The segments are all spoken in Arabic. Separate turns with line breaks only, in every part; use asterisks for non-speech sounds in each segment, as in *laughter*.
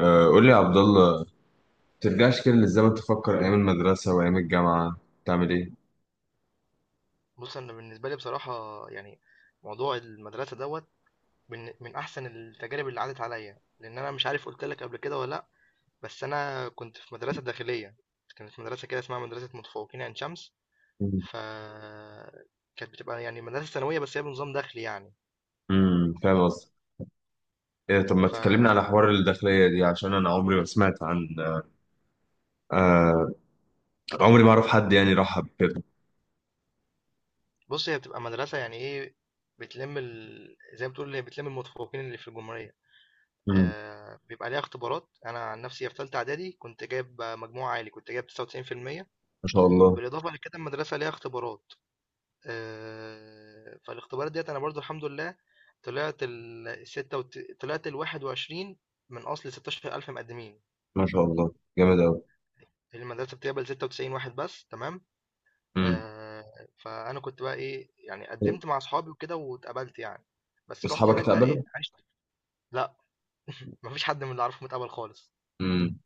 آه، قول لي يا عبد الله. ترجعش كده للزمن تفكر ايام المدرسه وايام الجامعه تعمل ايه؟
بُص، أنا بالنسبة لي بصراحة يعني موضوع المدرسة دوّة من أحسن التجارب اللي عدّت عليّا، لإن أنا مش عارف قُلت لك قبل كده والّا لأ، بس أنا كنت في مدرسة داخلية. كانت مدرسة كده اسمها مدرسة متفوقين عين شمس.
مم.
ف كانت بتبقى يعني مدرسة ثانوية بس هي بنظام داخلي يعني.
فاهم قصدي. إيه، طب ما تكلمني
فبُص،
على حوار الداخليه دي عشان انا عمري ما سمعت عن، آه عمري ما اعرف حد يعني راح كده.
هي بتبقى مدرسة يعني إيه، بتلِم زي ما تقول هي بتلِم المتفوقين اللي في الجمهورية.
امم.
بيبقى ليها اختبارات. أنا عن نفسي في تالتة إعدادي كنت جايب مجموع عالي، كنت جايب 99%.
ما شاء الله.
بالإضافة لكده المدرسة ليها اختبارات. فالاختبارات ديت أنا برضو الحمد لله طلعت طلعت 21 من أصل 16,000 مقدمين.
ما شاء الله، جامد قوي.
المدرسة بتقبل 96 واحد بس، تمام.
امم.
فأنا كنت بقى إيه يعني قدمت مع أصحابي وكده واتقبلت يعني، بس رحت
اصحابك
هناك بقى
اتقبلوا؟
إيه عشت. لأ، *laughs* مفيش حد من اللي أعرفه متقبل خالص.
امم،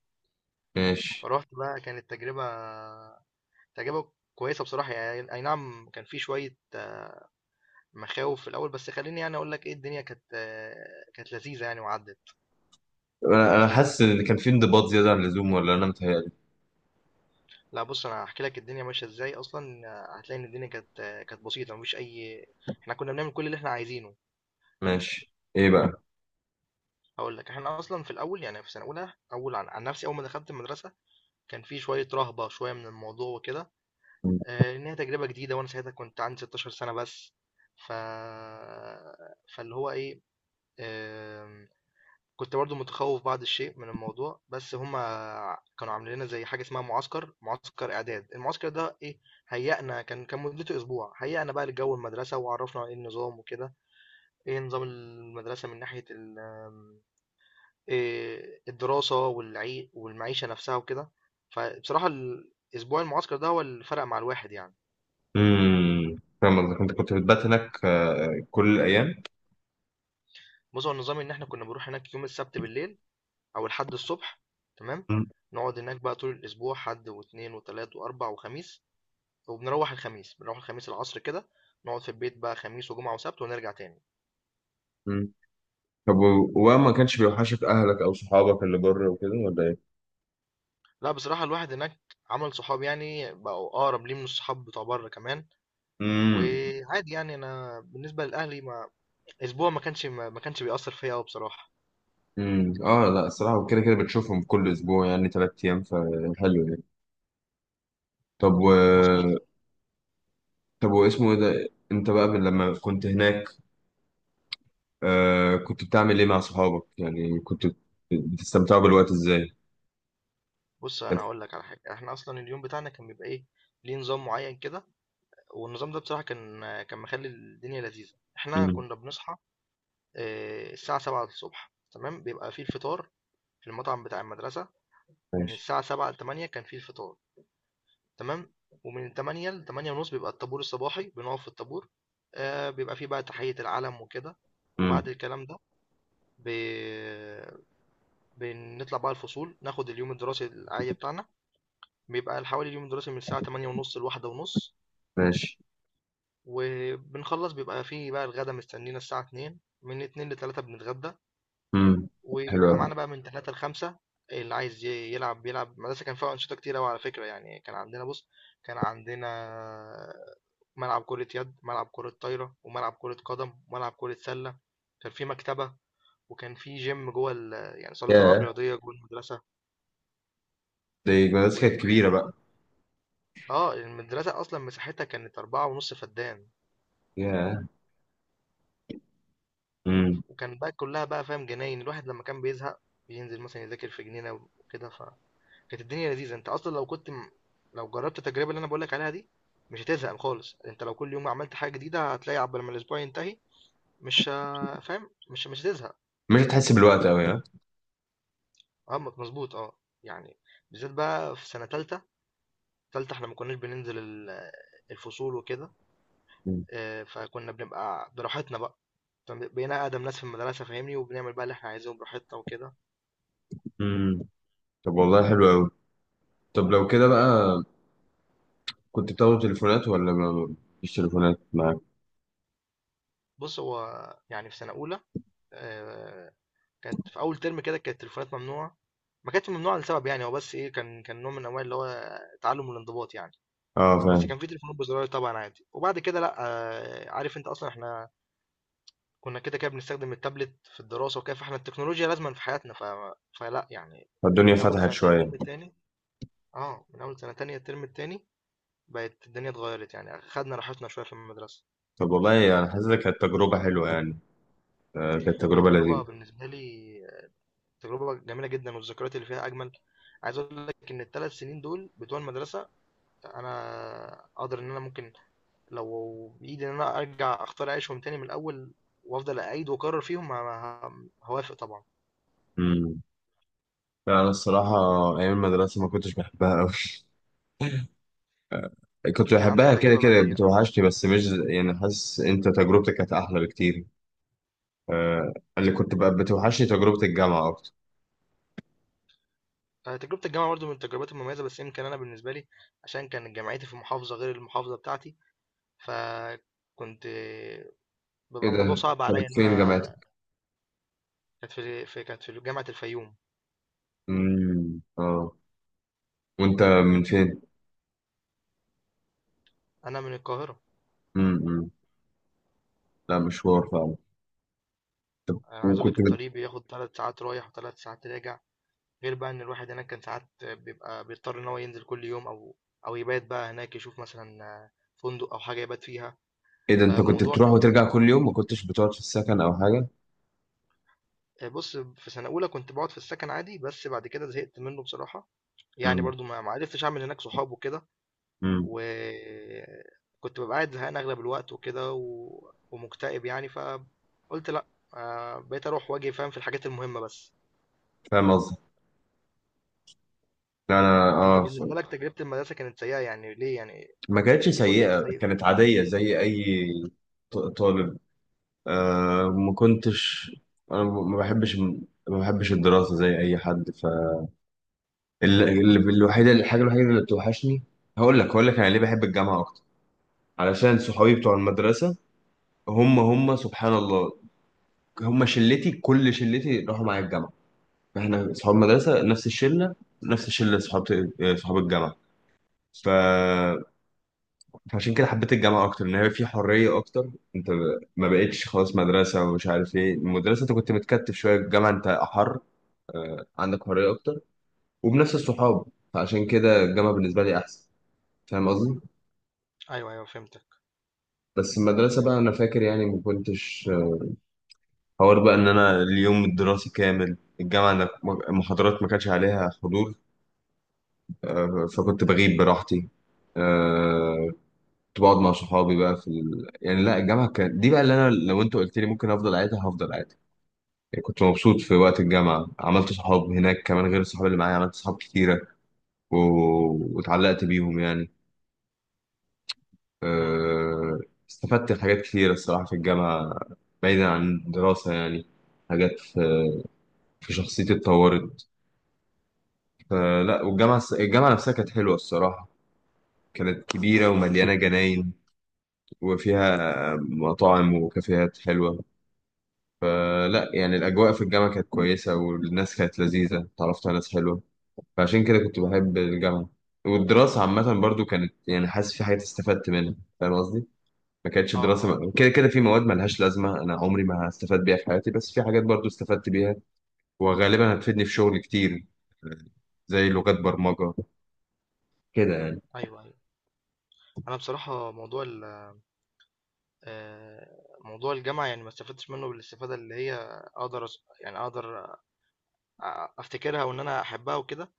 ماشي.
فرحت بقى، كانت تجربة تجربة كويسة بصراحة يعني. أي نعم كان في شوية مخاوف في الاول، بس خليني يعني اقول لك ايه، الدنيا كانت كانت لذيذه يعني وعدت.
انا حاسس ان كان في انضباط زياده عن اللزوم، ولا انا متهيألي؟
لا بص انا هحكي لك الدنيا ماشيه ازاي اصلا. هتلاقي ان الدنيا كانت كانت بسيطه مفيش اي. احنا كنا بنعمل كل اللي احنا عايزينه.
ماشي، ايه بقى؟
هقول لك، احنا اصلا في الاول يعني في سنه اولى اول عن نفسي اول ما دخلت المدرسه كان في شويه رهبه شويه من الموضوع وكده. ان هي تجربه جديده وانا ساعتها كنت عندي 16 سنه بس. ف فاللي هو ايه آم، كنت برضو متخوف بعض الشيء من الموضوع، بس هما كانوا عاملين لنا زي حاجة اسمها معسكر إعداد. المعسكر ده إيه، هيأنا كان مدته أسبوع، هيأنا بقى لجو المدرسة وعرفنا إيه النظام وكده، إيه نظام المدرسة من ناحية ال- آم، إيه الدراسة والعي والمعيشة نفسها وكده. فبصراحة الأسبوع المعسكر ده هو اللي فرق مع الواحد يعني.
فاهم قصدك. انت كنت بتبات هناك كل الايام؟
بص هو النظام إن إحنا كنا بنروح هناك يوم السبت بالليل أو الحد الصبح، تمام. نقعد هناك بقى طول الأسبوع، حد واثنين وثلاث وأربع وخميس. وبنروّح الخميس، بنروّح الخميس العصر كده، نقعد في البيت بقى خميس وجمعة وسبت ونرجع تاني.
مم. طب، و- وما كانش بيوحشك اهلك او صحابك اللي بره وكده ولا ايه؟
لأ بصراحة الواحد هناك عمل صحاب يعني، بقوا أقرب ليه من الصحاب بتوع برّه كمان.
امم.
وعادي يعني أنا بالنسبة لأهلي، ما أسبوع ما كانش بيأثّر فيّا أوي بصراحة.
اه، لا الصراحه كده كده بتشوفهم كل اسبوع يعني 3 ايام، فحلو يعني. طب
مضبوط.
طب واسمه ايه ده، انت بقى من لما كنت هناك، كنت بتعمل ايه مع صحابك؟ يعني كنت بتستمتعوا بالوقت ازاي؟
بُص أنا
حلو.
هاقول لك على حاجة. إحنا أصلًا اليوم بتاعنا كان بيبقى إيه، ليه نظام معيّن كده. والنظام ده بصراحة كان مخلّي الدنيا لذيذة. إحنا
امم،
كنا بنصحى الساعة 07:00 ص، تمام. بيبقى في الفطار في المطعم بتاع المدرسة. من
ماشي.
الساعة 07:00 ل08:00 كان في الفطار، تمام. ومن 08:00 ل08:30 بيبقى الطابور الصباحي، بنقف في الطابور. بيبقى في بقى تحية العلم وكده. وبعد
امم،
الكلام ده ب بنطلع بقى الفصول، ناخد اليوم الدراسي العادي بتاعنا. بيبقى حوالي اليوم الدراسي من الساعة 08:30 ل13:30.
ماشي.
وبنخلص بيبقى في بقى الغدا مستنينا الساعة 14:00. من 14:00 ل15:00 بنتغدى.
امم، حلو
وبيبقى
قوي.
معانا بقى من 3 ل5. اللي عايز يلعب بيلعب. المدرسة كان فيها أنشطة كتير أوي على فكرة يعني. كان عندنا بص، كان عندنا ملعب كرة يد، ملعب كرة طايرة، وملعب كرة قدم، وملعب كرة سلة. كان في مكتبة، وكان في جيم جوه يعني صالة ألعاب
ياه،
رياضية جوه المدرسة.
دي مدرسة
و
كانت كبيرة بقى.
اه المدرسة أصلا مساحتها كانت 4.5 فدان.
ياه. امم.
وكان بقى كلها بقى فاهم جناين، الواحد لما كان بيزهق بينزل مثلا يذاكر في جنينة وكده. كانت الدنيا لذيذة. انت اصلا لو جربت التجربة اللي انا بقولك عليها دي مش هتزهق خالص. انت لو كل يوم عملت حاجة جديدة هتلاقي عقبال ما الاسبوع ينتهي مش ه- فاهم مش هتزهق.
مش هتحس بالوقت قوي، ها؟
اه مظبوط اه. يعني بالذات بقى في سنة تالتة، احنا ما كناش بننزل الفصول وكده. اه، فكنا بنبقى براحتنا بقى، بقينا أقدم ناس في المدرسة، فاهمني، وبنعمل بقى اللي احنا عايزينه براحتنا وكده.
امم. طب والله، حلو قوي. طب لو كده بقى، كنت بتاخد تليفونات ولا ما فيش تليفونات معاك؟
بص هو يعني في سنة أولى آه، كانت في أول ترم كده كانت التليفونات ممنوعة. ما كانتش ممنوعة لسبب يعني، هو بس إيه، كان نوع من أنواع اللي هو تعلم الانضباط يعني.
اه،
بس
فاهم.
كان في تليفونات بزراير طبعًا عادي. وبعد كده لأ، عارف أنت أصلًا إحنا كنا كده كده بنستخدم التابلت في الدراسة وكده، فإحنا التكنولوجيا لازمًا في حياتنا فلأ يعني.
الدنيا
من أول
فتحت
سنة تانية
شوية.
الترم التاني، آه، من أول سنة تانية الترم التاني بقت الدنيا اتغيرت يعني، خدنا راحتنا شوية في المدرسة.
طب والله، أنا حاسسها كانت تجربة حلوة يعني. آه، كانت
هي
تجربة لذيذة.
تجربة بالنسبة لي تجربة جميلة جدًا، والذكريات اللي فيها أجمل. عايز أقول لك إن ال3 سنين دول بتوع المدرسة انا اقدر ان انا ممكن، لو بايدي ان انا ارجع اختار اعيشهم تاني من الاول وافضل اعيد واكرر فيهم، هوافق طبعا.
امم. لا، أنا الصراحة أيام المدرسة ما كنتش بحبها أوي. *laughs* كنت
اكيد كان عندك
بحبها، كده
تجربه بقى
كده
سيئه.
بتوحشني، بس مش ز- يعني حاسس أنت تجربتك كانت أحلى بكتير. آه، اللي
مم.
كنت بقى بتوحشني تجربة الجامعة أكتر.
تجربه الجامعه برضو من التجربات المميزه، بس يمكن انا بالنسبه لي عشان كان جامعتي في محافظه غير المحافظه بتاعتي. فكنت
إيه
بيبقى الموضوع
ده؟
صعب عليا
كانت
ان
فين
انا.
جامعتك؟
كانت في جامعه الفيوم.
امم، اه. وأنت من فين؟
انا من القاهره.
امم. لا، مشوار فعلا. طب
انا عايز اقول
وكنت.
لك الطريق بياخد 3 ساعات رايح وثلاث ساعات راجع. غير بقى إن الواحد هناك كان ساعات بيبقى بيضطر إن هو ينزل كل يوم أو يبات بقى هناك، يشوف مثلا فندق أو حاجة يبات فيها.
ايه ده، انت كنت
فالموضوع
بتروح
كان
وترجع كل يوم، ما كنتش بتقعد في السكن او حاجه؟
بص في سنة أولى كنت بقعد في السكن عادي، بس بعد كده زهقت منه بصراحة. يعني
امم.
برضو ما عرفتش أعمل هناك صحاب وكده.
امم
وكنت ببقى قاعد زهقان أغلب الوقت وكده ومكتئب يعني، فقلت لأ. بقيت أروح وأجي فاهم، في الحاجات المهمة بس.
فاهم قصدك. لا، انا
أنت بالنسبة لك تجربة المدرسة كانت سيئة يعني ليه يعني؟
ما كانتش
إيه، قول لي إيه
سيئه،
السيء
كانت
فيها.
عاديه زي اي. طالب. ما كنتش، انا ما بحبش الدراسه زي اي حد ف. ال- ال- الوحيده الحاجه الوحيده اللي بتوحشني. هقول لك انا ليه بحب الجامعه اكتر، علشان صحابي بتوع المدرسه. هم سبحان الله. هم شلتي، كل شلتي راحوا معايا الجامعه. احنا اصحاب مدرسه نفس الشله اصحاب الجامعه. ف... فعشان كده حبيت الجامعه اكتر، ان هي في حريه اكتر. انت ما بقتش خلاص مدرسه ومش عارف ايه المدرسه، انت كنت متكتف شويه. الجامعه انت احر، عندك حريه اكتر وبنفس الصحاب، فعشان كده الجامعه بالنسبه لي احسن. فاهم قصدي؟
أيوه أيوه فهمتك.
بس المدرسه بقى، انا فاكر يعني ما كنتش حوار بقى ان انا اليوم الدراسي كامل الجامعه، أنا المحاضرات ما كانش عليها حضور. فكنت بغيب براحتي. آه، كنت بقعد مع صحابي بقى يعني لا، الجامعة كانت دي بقى اللي أنا لو أنت قلت لي ممكن أفضل قاعدها هفضل قاعدها. يعني كنت مبسوط في وقت الجامعة، عملت صحاب هناك كمان غير الصحاب اللي معايا، عملت صحاب كتيرة و... واتعلقت بيهم يعني. أه... استفدت حاجات كتيرة الصراحة في الجامعة، بعيدا عن الدراسة يعني. حاجات في شخصيتي اتطورت. فلا، والجامعة نفسها كانت حلوة الصراحة، كانت كبيرة ومليانة جناين، وفيها مطاعم وكافيهات حلوة. فلا يعني، الأجواء في الجامعة كانت كويسة، والناس كانت لذيذة، اتعرفت على ناس حلوة، فعشان كده كنت بحب الجامعة. والدراسة عامة برضو كانت يعني، حاسس في حاجات استفدت منها. فاهم قصدي؟ ما كانتش دراسة
آه،
كده كده في مواد ملهاش لازمة، أنا عمري ما هستفاد بيها في حياتي، بس في حاجات برضو استفدت بيها، وغالبا هتفيدني في شغل كتير، زي لغات برمجة كده يعني.
أيوه، أيوه. أنا بصراحة موضوع ال موضوع الجامعة يعني ما استفدتش منه بالاستفادة اللي هي أقدر أس يعني أقدر أفتكرها وإن أنا أحبها وكده.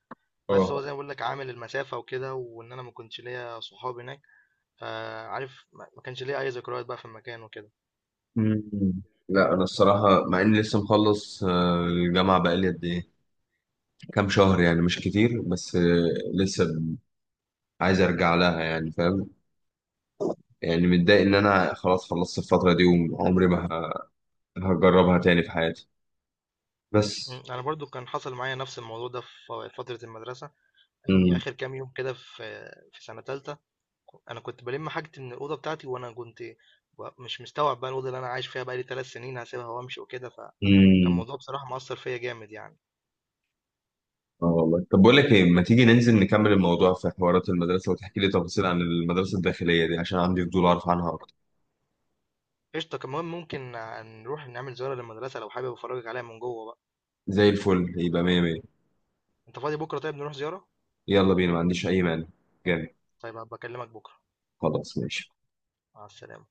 بس
اه.
هو زي ما باقول لك عامل المسافة وكده، وإن أنا ما كنتش ليّا صحاب هناك. فعارف ما كانش ليّا أي ذكريات بقى في المكان وكده.
مم. لا، أنا الصراحة مع إني لسه مخلص، الجامعة بقالي قد إيه؟ كام شهر يعني، مش كتير، بس لسه عايز ارجع لها يعني، فاهم؟ يعني متضايق ان انا خلاص خلصت الفتره دي، وعمري ما هجربها تاني في حياتي. بس.
إمم، أنا برضه كان حصل معايا نفس الموضوع ده في فترة المدرسة، يعني
امم.
آخر كام يوم كده في في سنة تالتة، أنا كنت بالِم حاجتي من الأوضة بتاعتي، وأنا كنت مش مستوعب بقى الأوضة اللي أنا عايش فيها بقى لي 3 سنين هاسيبها وأمشي وكده كان
امم.
موضوع بصراحة مؤثر فيا جامد يعني.
اه والله، طب بقول لك ايه، ما تيجي ننزل نكمل الموضوع في حوارات المدرسه، وتحكي لي تفاصيل عن المدرسه الداخليه دي عشان عندي فضول اعرف عنها اكتر.
قشطة، كمان ممكن نروح نعمل زيارة للمدرسة لو حابب أفرجك عليها من جوه بقى.
زي الفل، يبقى مية مية.
أنت فاضي بكرة؟ طيب نروح زيارة؟
يلا بينا، ما عنديش اي مانع. جامد.
طيب هبقى أكلمك بكرة.
خلاص، ماشي.
مع السلامة.